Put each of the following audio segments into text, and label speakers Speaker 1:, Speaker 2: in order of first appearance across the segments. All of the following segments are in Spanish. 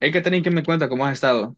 Speaker 1: Hay que tener que me cuenta cómo has estado.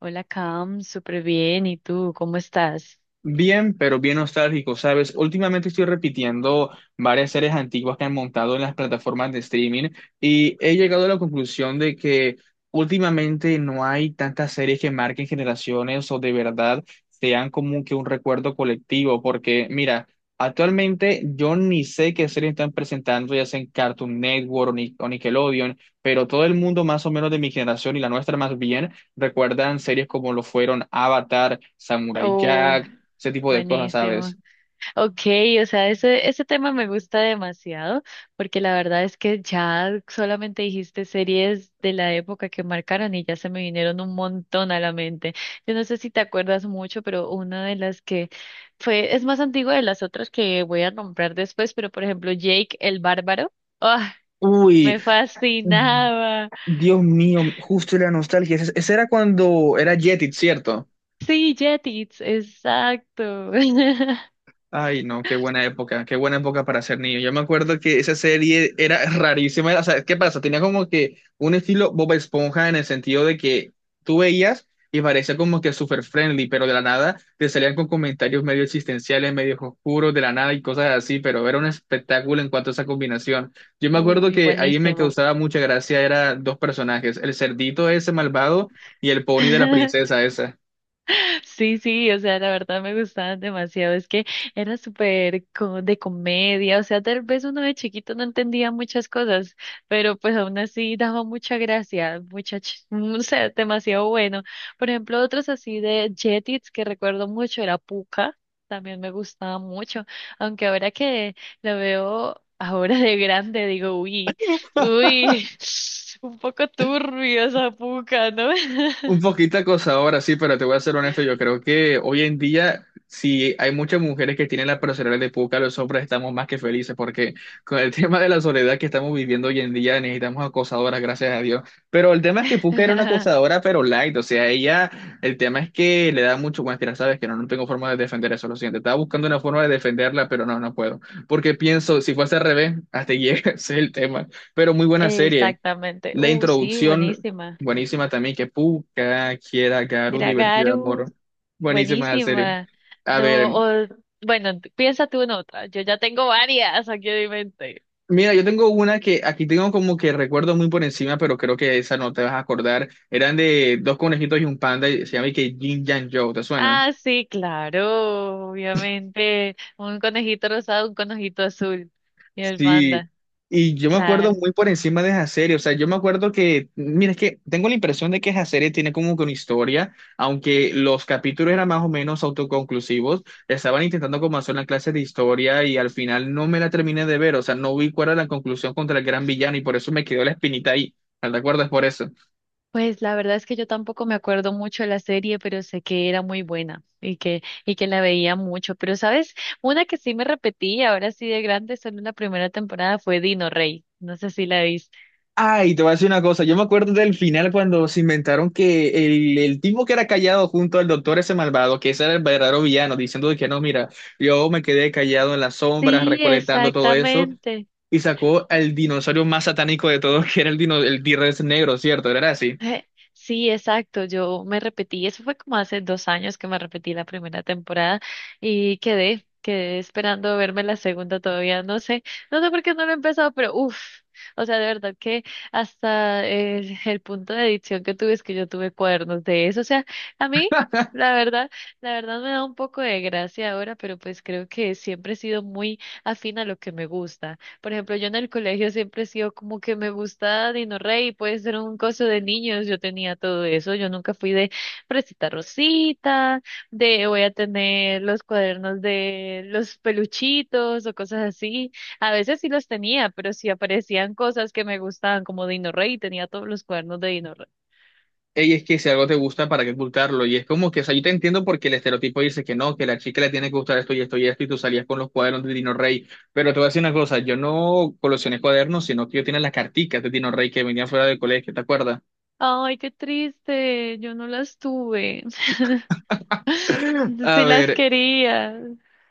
Speaker 2: Hola, Cam, súper bien. ¿Y tú, cómo estás?
Speaker 1: Bien, pero bien nostálgico, ¿sabes? Últimamente estoy repitiendo varias series antiguas que han montado en las plataformas de streaming y he llegado a la conclusión de que últimamente no hay tantas series que marquen generaciones o de verdad sean como que un recuerdo colectivo, porque mira, actualmente yo ni sé qué series están presentando, ya sea en Cartoon Network o Nickelodeon, pero todo el mundo más o menos de mi generación y la nuestra más bien recuerdan series como lo fueron Avatar, Samurai
Speaker 2: Oh,
Speaker 1: Jack, ese tipo de cosas,
Speaker 2: buenísimo.
Speaker 1: ¿sabes?
Speaker 2: Ok, o sea, ese tema me gusta demasiado porque la verdad es que ya solamente dijiste series de la época que marcaron y ya se me vinieron un montón a la mente. Yo no sé si te acuerdas mucho, pero una de las que fue, es más antigua de las otras que voy a nombrar después, pero por ejemplo, Jake el Bárbaro. ¡Ah!
Speaker 1: Uy,
Speaker 2: Me
Speaker 1: mm,
Speaker 2: fascinaba.
Speaker 1: Dios mío, justo la nostalgia. Ese era cuando era Jetix, ¿cierto?
Speaker 2: Sí, Jetix, exacto.
Speaker 1: Ay, no, qué buena época para ser niño. Yo me acuerdo que esa serie era rarísima. O sea, ¿qué pasa? Tenía como que un estilo Bob Esponja en el sentido de que tú veías y parecía como que súper friendly, pero de la nada te salían con comentarios medio existenciales, medio oscuros, de la nada y cosas así, pero era un espectáculo en cuanto a esa combinación. Yo me acuerdo
Speaker 2: Uy,
Speaker 1: que ahí me
Speaker 2: buenísimo.
Speaker 1: causaba mucha gracia, eran dos personajes, el cerdito ese malvado y el pony de la princesa esa.
Speaker 2: Sí, sí, o sea, la verdad me gustaban demasiado. Es que era súper de comedia, o sea, tal vez uno de chiquito no entendía muchas cosas, pero pues aún así daba mucha gracia, mucha, o sea, demasiado bueno. Por ejemplo, otros así de Jetix que recuerdo mucho era Pucca, también me gustaba mucho, aunque ahora que la veo ahora de grande digo, uy, uy, un poco turbio esa Pucca, ¿no?
Speaker 1: Un poquito acosadora, sí, pero te voy a ser honesto, yo creo que hoy en día, si hay muchas mujeres que tienen la personalidad de Puca, los hombres estamos más que felices, porque con el tema de la soledad que estamos viviendo hoy en día, necesitamos acosadoras, gracias a Dios. Pero el tema es que Puca era una acosadora, pero light, o sea, ella, el tema es que le da mucho, bueno, mira, sabes que no tengo forma de defender eso, lo siento, estaba buscando una forma de defenderla, pero no, no puedo, porque pienso, si fuese al revés, hasta llega, ese es el tema, pero muy buena serie.
Speaker 2: Exactamente.
Speaker 1: La
Speaker 2: Sí,
Speaker 1: introducción,
Speaker 2: buenísima.
Speaker 1: buenísima también, que Puca, quiera, Garu
Speaker 2: Era
Speaker 1: divertida,
Speaker 2: Garu,
Speaker 1: amor. Buenísima la serie.
Speaker 2: buenísima.
Speaker 1: A
Speaker 2: No,
Speaker 1: ver,
Speaker 2: o, bueno, piensa tú en otra. Yo ya tengo varias aquí en mi mente.
Speaker 1: mira, yo tengo una que aquí tengo como que recuerdo muy por encima, pero creo que esa no te vas a acordar. Eran de dos conejitos y un panda, y se llama y que Jin Jan Joe, ¿te suena?
Speaker 2: Ah, sí, claro, obviamente. Un conejito rosado, un conejito azul. Y el
Speaker 1: Sí,
Speaker 2: panda,
Speaker 1: y yo me acuerdo
Speaker 2: claro.
Speaker 1: muy por encima de esa serie, o sea, yo me acuerdo que, mira, es que tengo la impresión de que esa serie tiene como que una historia, aunque los capítulos eran más o menos autoconclusivos, estaban intentando como hacer una clase de historia y al final no me la terminé de ver, o sea, no vi cuál era la conclusión contra el gran villano y por eso me quedó la espinita ahí, ¿te acuerdas por eso?
Speaker 2: Pues la verdad es que yo tampoco me acuerdo mucho de la serie, pero sé que era muy buena y que la veía mucho. Pero, ¿sabes? Una que sí me repetí, ahora sí de grande, solo en la primera temporada fue Dino Rey. No sé si la viste.
Speaker 1: Ay, te voy a decir una cosa. Yo me acuerdo del final cuando se inventaron que el tipo que era callado junto al doctor ese malvado, que ese era el verdadero villano, diciendo de que no, mira, yo me quedé callado en las sombras
Speaker 2: Sí,
Speaker 1: recolectando todo eso
Speaker 2: exactamente.
Speaker 1: y sacó al dinosaurio más satánico de todos, que era el, dino, el T-Rex negro, ¿cierto? Era así.
Speaker 2: Eh, Sí, exacto. Yo me repetí, eso fue como hace 2 años que me repetí la primera temporada y quedé esperando verme la segunda todavía. No sé, no sé por qué no lo he empezado, pero uff, o sea, de verdad que hasta el punto de adicción que tuve es que yo tuve cuadernos de eso. O sea, a mí, la verdad, la verdad me da un poco de gracia ahora, pero pues creo que siempre he sido muy afín a lo que me gusta. Por ejemplo, yo en el colegio siempre he sido como que me gusta Dino Rey, puede ser un coso de niños, yo tenía todo eso, yo nunca fui de Fresita Rosita, de voy a tener los cuadernos de los peluchitos o cosas así. A veces sí los tenía, pero sí aparecían cosas que me gustaban como Dino Rey, tenía todos los cuadernos de Dino Rey.
Speaker 1: Ey, es que si algo te gusta, ¿para qué ocultarlo? Y es como que, o sea, yo te entiendo porque el estereotipo dice que no, que la chica le tiene que gustar esto y esto y esto, y tú salías con los cuadernos de Dino Rey. Pero te voy a decir una cosa, yo no coleccioné cuadernos, sino que yo tenía las carticas de Dino Rey que venían fuera del colegio, ¿te acuerdas?
Speaker 2: Ay, qué triste, yo no las tuve. Sí
Speaker 1: A
Speaker 2: las
Speaker 1: ver,
Speaker 2: quería.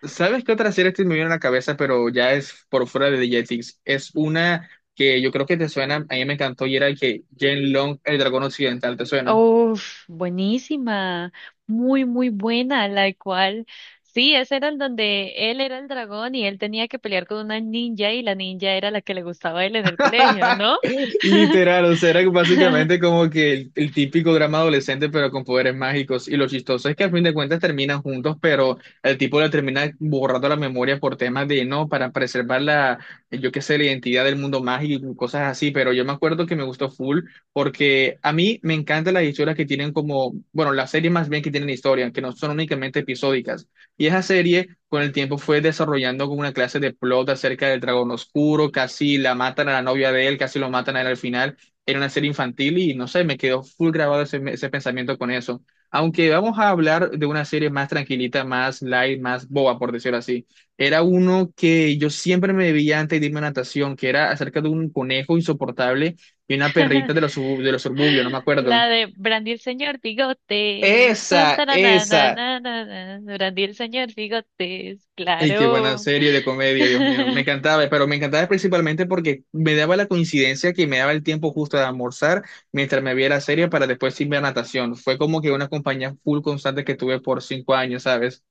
Speaker 1: ¿sabes qué otra serie te me viene a la cabeza, pero ya es por fuera de The Jetix? Es una que yo creo que te suena, a mí me encantó y era que Jen Long, el dragón occidental, ¿te suena?
Speaker 2: Uf, buenísima, muy, muy buena, la cual, sí, ese era el donde él era el dragón y él tenía que pelear con una ninja y la ninja era la que le gustaba a él en el colegio, ¿no?
Speaker 1: Literal, o sea, era básicamente como que el típico drama adolescente, pero con poderes mágicos. Y lo chistoso es que al fin de cuentas terminan juntos, pero el tipo le termina borrando la memoria por temas de, no, para preservar la, yo qué sé, la identidad del mundo mágico y cosas así. Pero yo me acuerdo que me gustó full, porque a mí me encantan las historias que tienen como, bueno, las series más bien que tienen historia, que no son únicamente episódicas. Y esa serie con el tiempo fue desarrollando como una clase de plot acerca del dragón oscuro, casi la matan a la novia de él, casi lo matan a él al final. Era una serie infantil y no sé, me quedó full grabado ese, ese pensamiento con eso. Aunque vamos a hablar de una serie más tranquilita, más light, más boba, por decirlo así. Era uno que yo siempre me veía antes de irme a natación, que era acerca de un conejo insoportable y una perrita de los, de los suburbios, no me acuerdo.
Speaker 2: La de Brandy el señor Bigotes, tan,
Speaker 1: Esa,
Speaker 2: taranana,
Speaker 1: esa.
Speaker 2: na, Brandy el señor Bigotes,
Speaker 1: Y qué buena
Speaker 2: claro.
Speaker 1: serie de comedia, Dios mío. Me encantaba, pero me encantaba principalmente porque me daba la coincidencia que me daba el tiempo justo de almorzar mientras me veía la serie para después irme a natación. Fue como que una compañía full constante que tuve por 5 años, ¿sabes?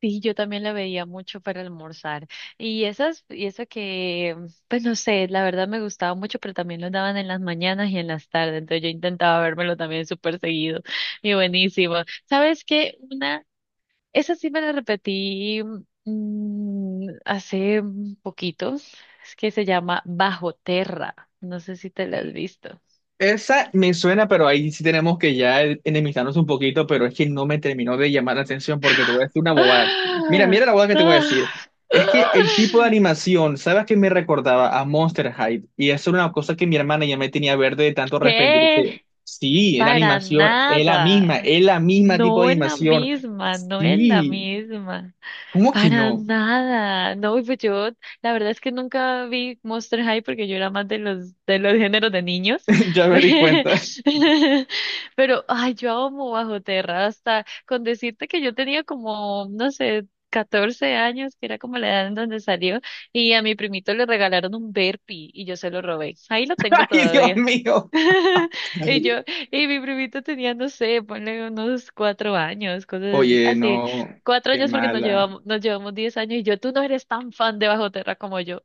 Speaker 2: Sí, yo también la veía mucho para almorzar. Y esas, y eso que, pues no sé, la verdad me gustaba mucho, pero también lo daban en las mañanas y en las tardes. Entonces yo intentaba vérmelo también súper seguido. Y buenísimo. ¿Sabes qué? Una, esa sí me la repetí hace un poquito. Es que se llama Bajo Terra. No sé si te la has visto.
Speaker 1: Esa me suena, pero ahí sí tenemos que ya enemistarnos un poquito, pero es que no me terminó de llamar la atención porque te voy a decir una bobada. Mira,
Speaker 2: ¡Ah!
Speaker 1: mira la bobada que te voy a
Speaker 2: ¡Ah!
Speaker 1: decir. Es que el tipo de
Speaker 2: ¡Ah!
Speaker 1: animación, ¿sabes qué me recordaba? A Monster High. Y eso era una cosa que mi hermana ya me tenía verde de tanto
Speaker 2: ¿Qué?
Speaker 1: arrepentirse. Sí, la
Speaker 2: Para
Speaker 1: animación
Speaker 2: nada.
Speaker 1: es la misma tipo de
Speaker 2: No es la
Speaker 1: animación.
Speaker 2: misma, no es la
Speaker 1: Sí,
Speaker 2: misma.
Speaker 1: ¿cómo que
Speaker 2: Para
Speaker 1: no?
Speaker 2: nada. No, y pues yo, la verdad es que nunca vi Monster High porque yo era más de de los géneros de niños.
Speaker 1: Ya me di cuenta.
Speaker 2: Pero, ay, yo amo Bajo Tierra, hasta con decirte que yo tenía como, no sé, 14 años, que era como la edad en donde salió, y a mi primito le regalaron un Berpi y yo se lo robé. Ahí lo tengo
Speaker 1: Ay, Dios
Speaker 2: todavía.
Speaker 1: mío.
Speaker 2: Y yo, y mi primito tenía, no sé, ponle unos 4 años, cosas así.
Speaker 1: Oye,
Speaker 2: Así,
Speaker 1: no,
Speaker 2: cuatro
Speaker 1: qué
Speaker 2: años porque
Speaker 1: mala.
Speaker 2: nos llevamos 10 años y yo, tú no eres tan fan de Bajo Terra como yo.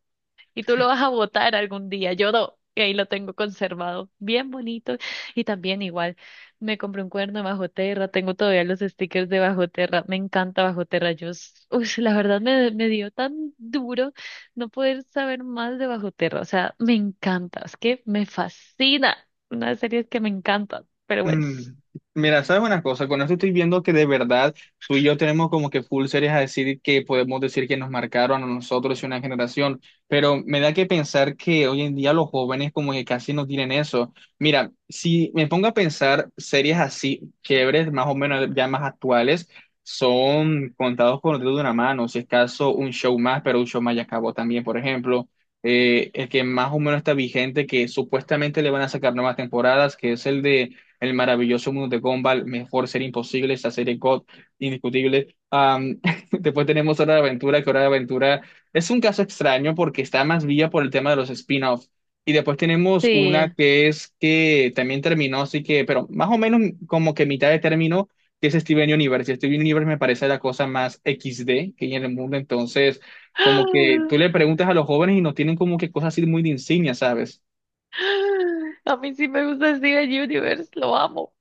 Speaker 2: Y tú lo vas a botar algún día. Yo no. Y ahí lo tengo conservado, bien bonito. Y también igual, me compré un cuerno de Bajo Terra, tengo todavía los stickers de Bajo Terra, me encanta Bajo Terra. Yo, uy, la verdad me dio tan duro no poder saber más de Bajo Terra. O sea, me encanta, es que me fascina. Una de las series que me encanta, pero bueno,
Speaker 1: Mm, Mira, ¿sabes una cosa? Con esto estoy viendo que de verdad tú y yo tenemos como que full series a decir que podemos decir que nos marcaron a nosotros y una generación, pero me da que pensar que hoy en día los jóvenes como que casi no tienen eso. Mira, si me pongo a pensar series así chéveres, más o menos ya más actuales, son contados con el dedo de una mano, si es caso un show más, pero un show más ya acabó también, por ejemplo. El que más o menos está vigente, que supuestamente le van a sacar nuevas temporadas, que es el de el maravilloso mundo de Gumball, Mejor Ser Imposible, esa serie God, indiscutible. Después tenemos Hora de Aventura, que Hora de Aventura es un caso extraño porque está más vía por el tema de los spin-offs. Y después tenemos una
Speaker 2: sí.
Speaker 1: que es que también terminó, así que, pero más o menos como que mitad de término, que es Steven Universe. Y Steven Universe me parece la cosa más equis de que hay en el mundo. Entonces, como que tú le preguntas a los jóvenes y no tienen como que cosas así muy de insignia, ¿sabes?
Speaker 2: A mí sí me gusta Steven Universe, lo amo.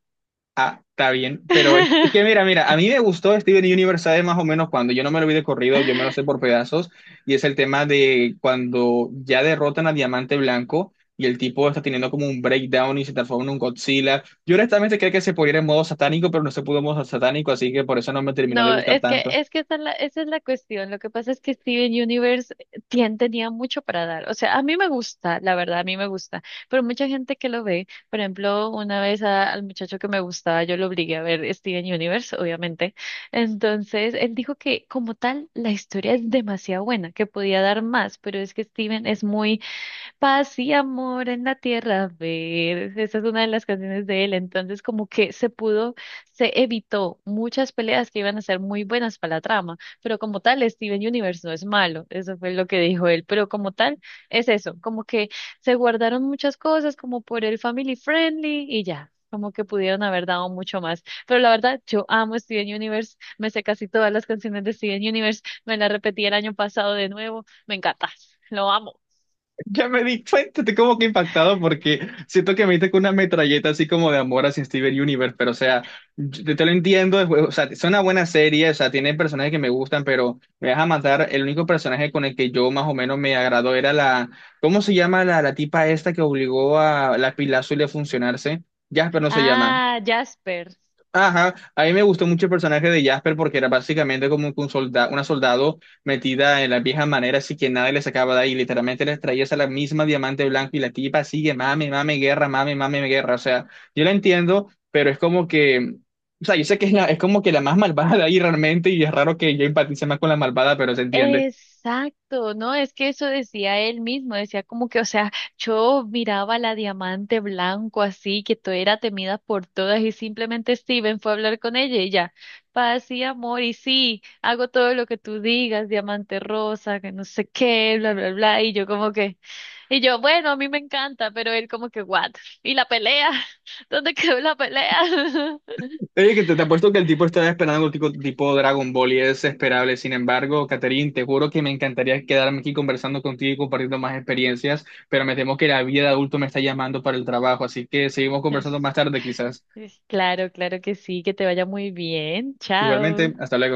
Speaker 1: Ah, está bien, pero es que mira, mira, a mí me gustó Steven Universe, ¿sabes? Más o menos cuando yo no me lo vi de corrido, yo me lo sé por pedazos, y es el tema de cuando ya derrotan a Diamante Blanco y el tipo está teniendo como un breakdown y se transforma en un Godzilla. Yo honestamente creía que se podía ir en modo satánico, pero no se pudo en modo satánico, así que por eso no me terminó de
Speaker 2: No,
Speaker 1: gustar tanto.
Speaker 2: es que esa es la cuestión. Lo que pasa es que Steven Universe tenía mucho para dar. O sea, a mí me gusta, la verdad, a mí me gusta. Pero mucha gente que lo ve, por ejemplo, una vez al muchacho que me gustaba, yo lo obligué a ver Steven Universe, obviamente. Entonces, él dijo que como tal, la historia es demasiado buena, que podía dar más, pero es que Steven es muy paz y amor en la tierra, a ver. Esa es una de las canciones de él. Entonces, como que se pudo, se evitó muchas peleas que iban a ser muy buenas para la trama. Pero como tal, Steven Universe no es malo. Eso fue lo que dijo él. Pero como tal, es eso. Como que se guardaron muchas cosas, como por el family friendly y ya. Como que pudieron haber dado mucho más. Pero la verdad, yo amo Steven Universe. Me sé casi todas las canciones de Steven Universe. Me las repetí el año pasado de nuevo. Me encanta. Lo amo.
Speaker 1: Ya me di cuenta, estoy como que impactado porque siento que me diste con una metralleta así como de amor hacia Steven Universe, pero o sea, yo te lo entiendo, o sea, es una buena serie, o sea, tiene personajes que me gustan, pero me vas a matar, el único personaje con el que yo más o menos me agradó era la, ¿cómo se llama la tipa esta que obligó a la pila azul a funcionarse? Jasper no se llama.
Speaker 2: Ah, Jasper.
Speaker 1: Ajá, a mí me gustó mucho el personaje de Jasper porque era básicamente como que un soldado, una soldado metida en la vieja manera, así que nadie le sacaba de ahí, literalmente les traía esa la misma diamante blanco y la tipa sigue, mame, mame, guerra, o sea, yo la entiendo, pero es como que, o sea, yo sé que es, la, es como que la más malvada de ahí realmente y es raro que yo empatice más con la malvada, pero se entiende.
Speaker 2: Exacto, no, es que eso decía él mismo, decía como que, o sea, yo miraba la diamante blanco así, que todo era temida por todas y simplemente Steven fue a hablar con ella y ya, paz y amor y sí, hago todo lo que tú digas, diamante rosa, que no sé qué, bla, bla, bla, y yo como que, y yo, bueno, a mí me encanta, pero él como que, what, y la pelea, ¿dónde quedó la pelea?
Speaker 1: Oye, que te apuesto que el tipo está esperando algo tipo, tipo Dragon Ball y es esperable. Sin embargo, Catherine, te juro que me encantaría quedarme aquí conversando contigo y compartiendo más experiencias, pero me temo que la vida de adulto me está llamando para el trabajo, así que seguimos conversando más tarde quizás.
Speaker 2: Claro, claro que sí, que te vaya muy bien. Chao.
Speaker 1: Igualmente, hasta luego.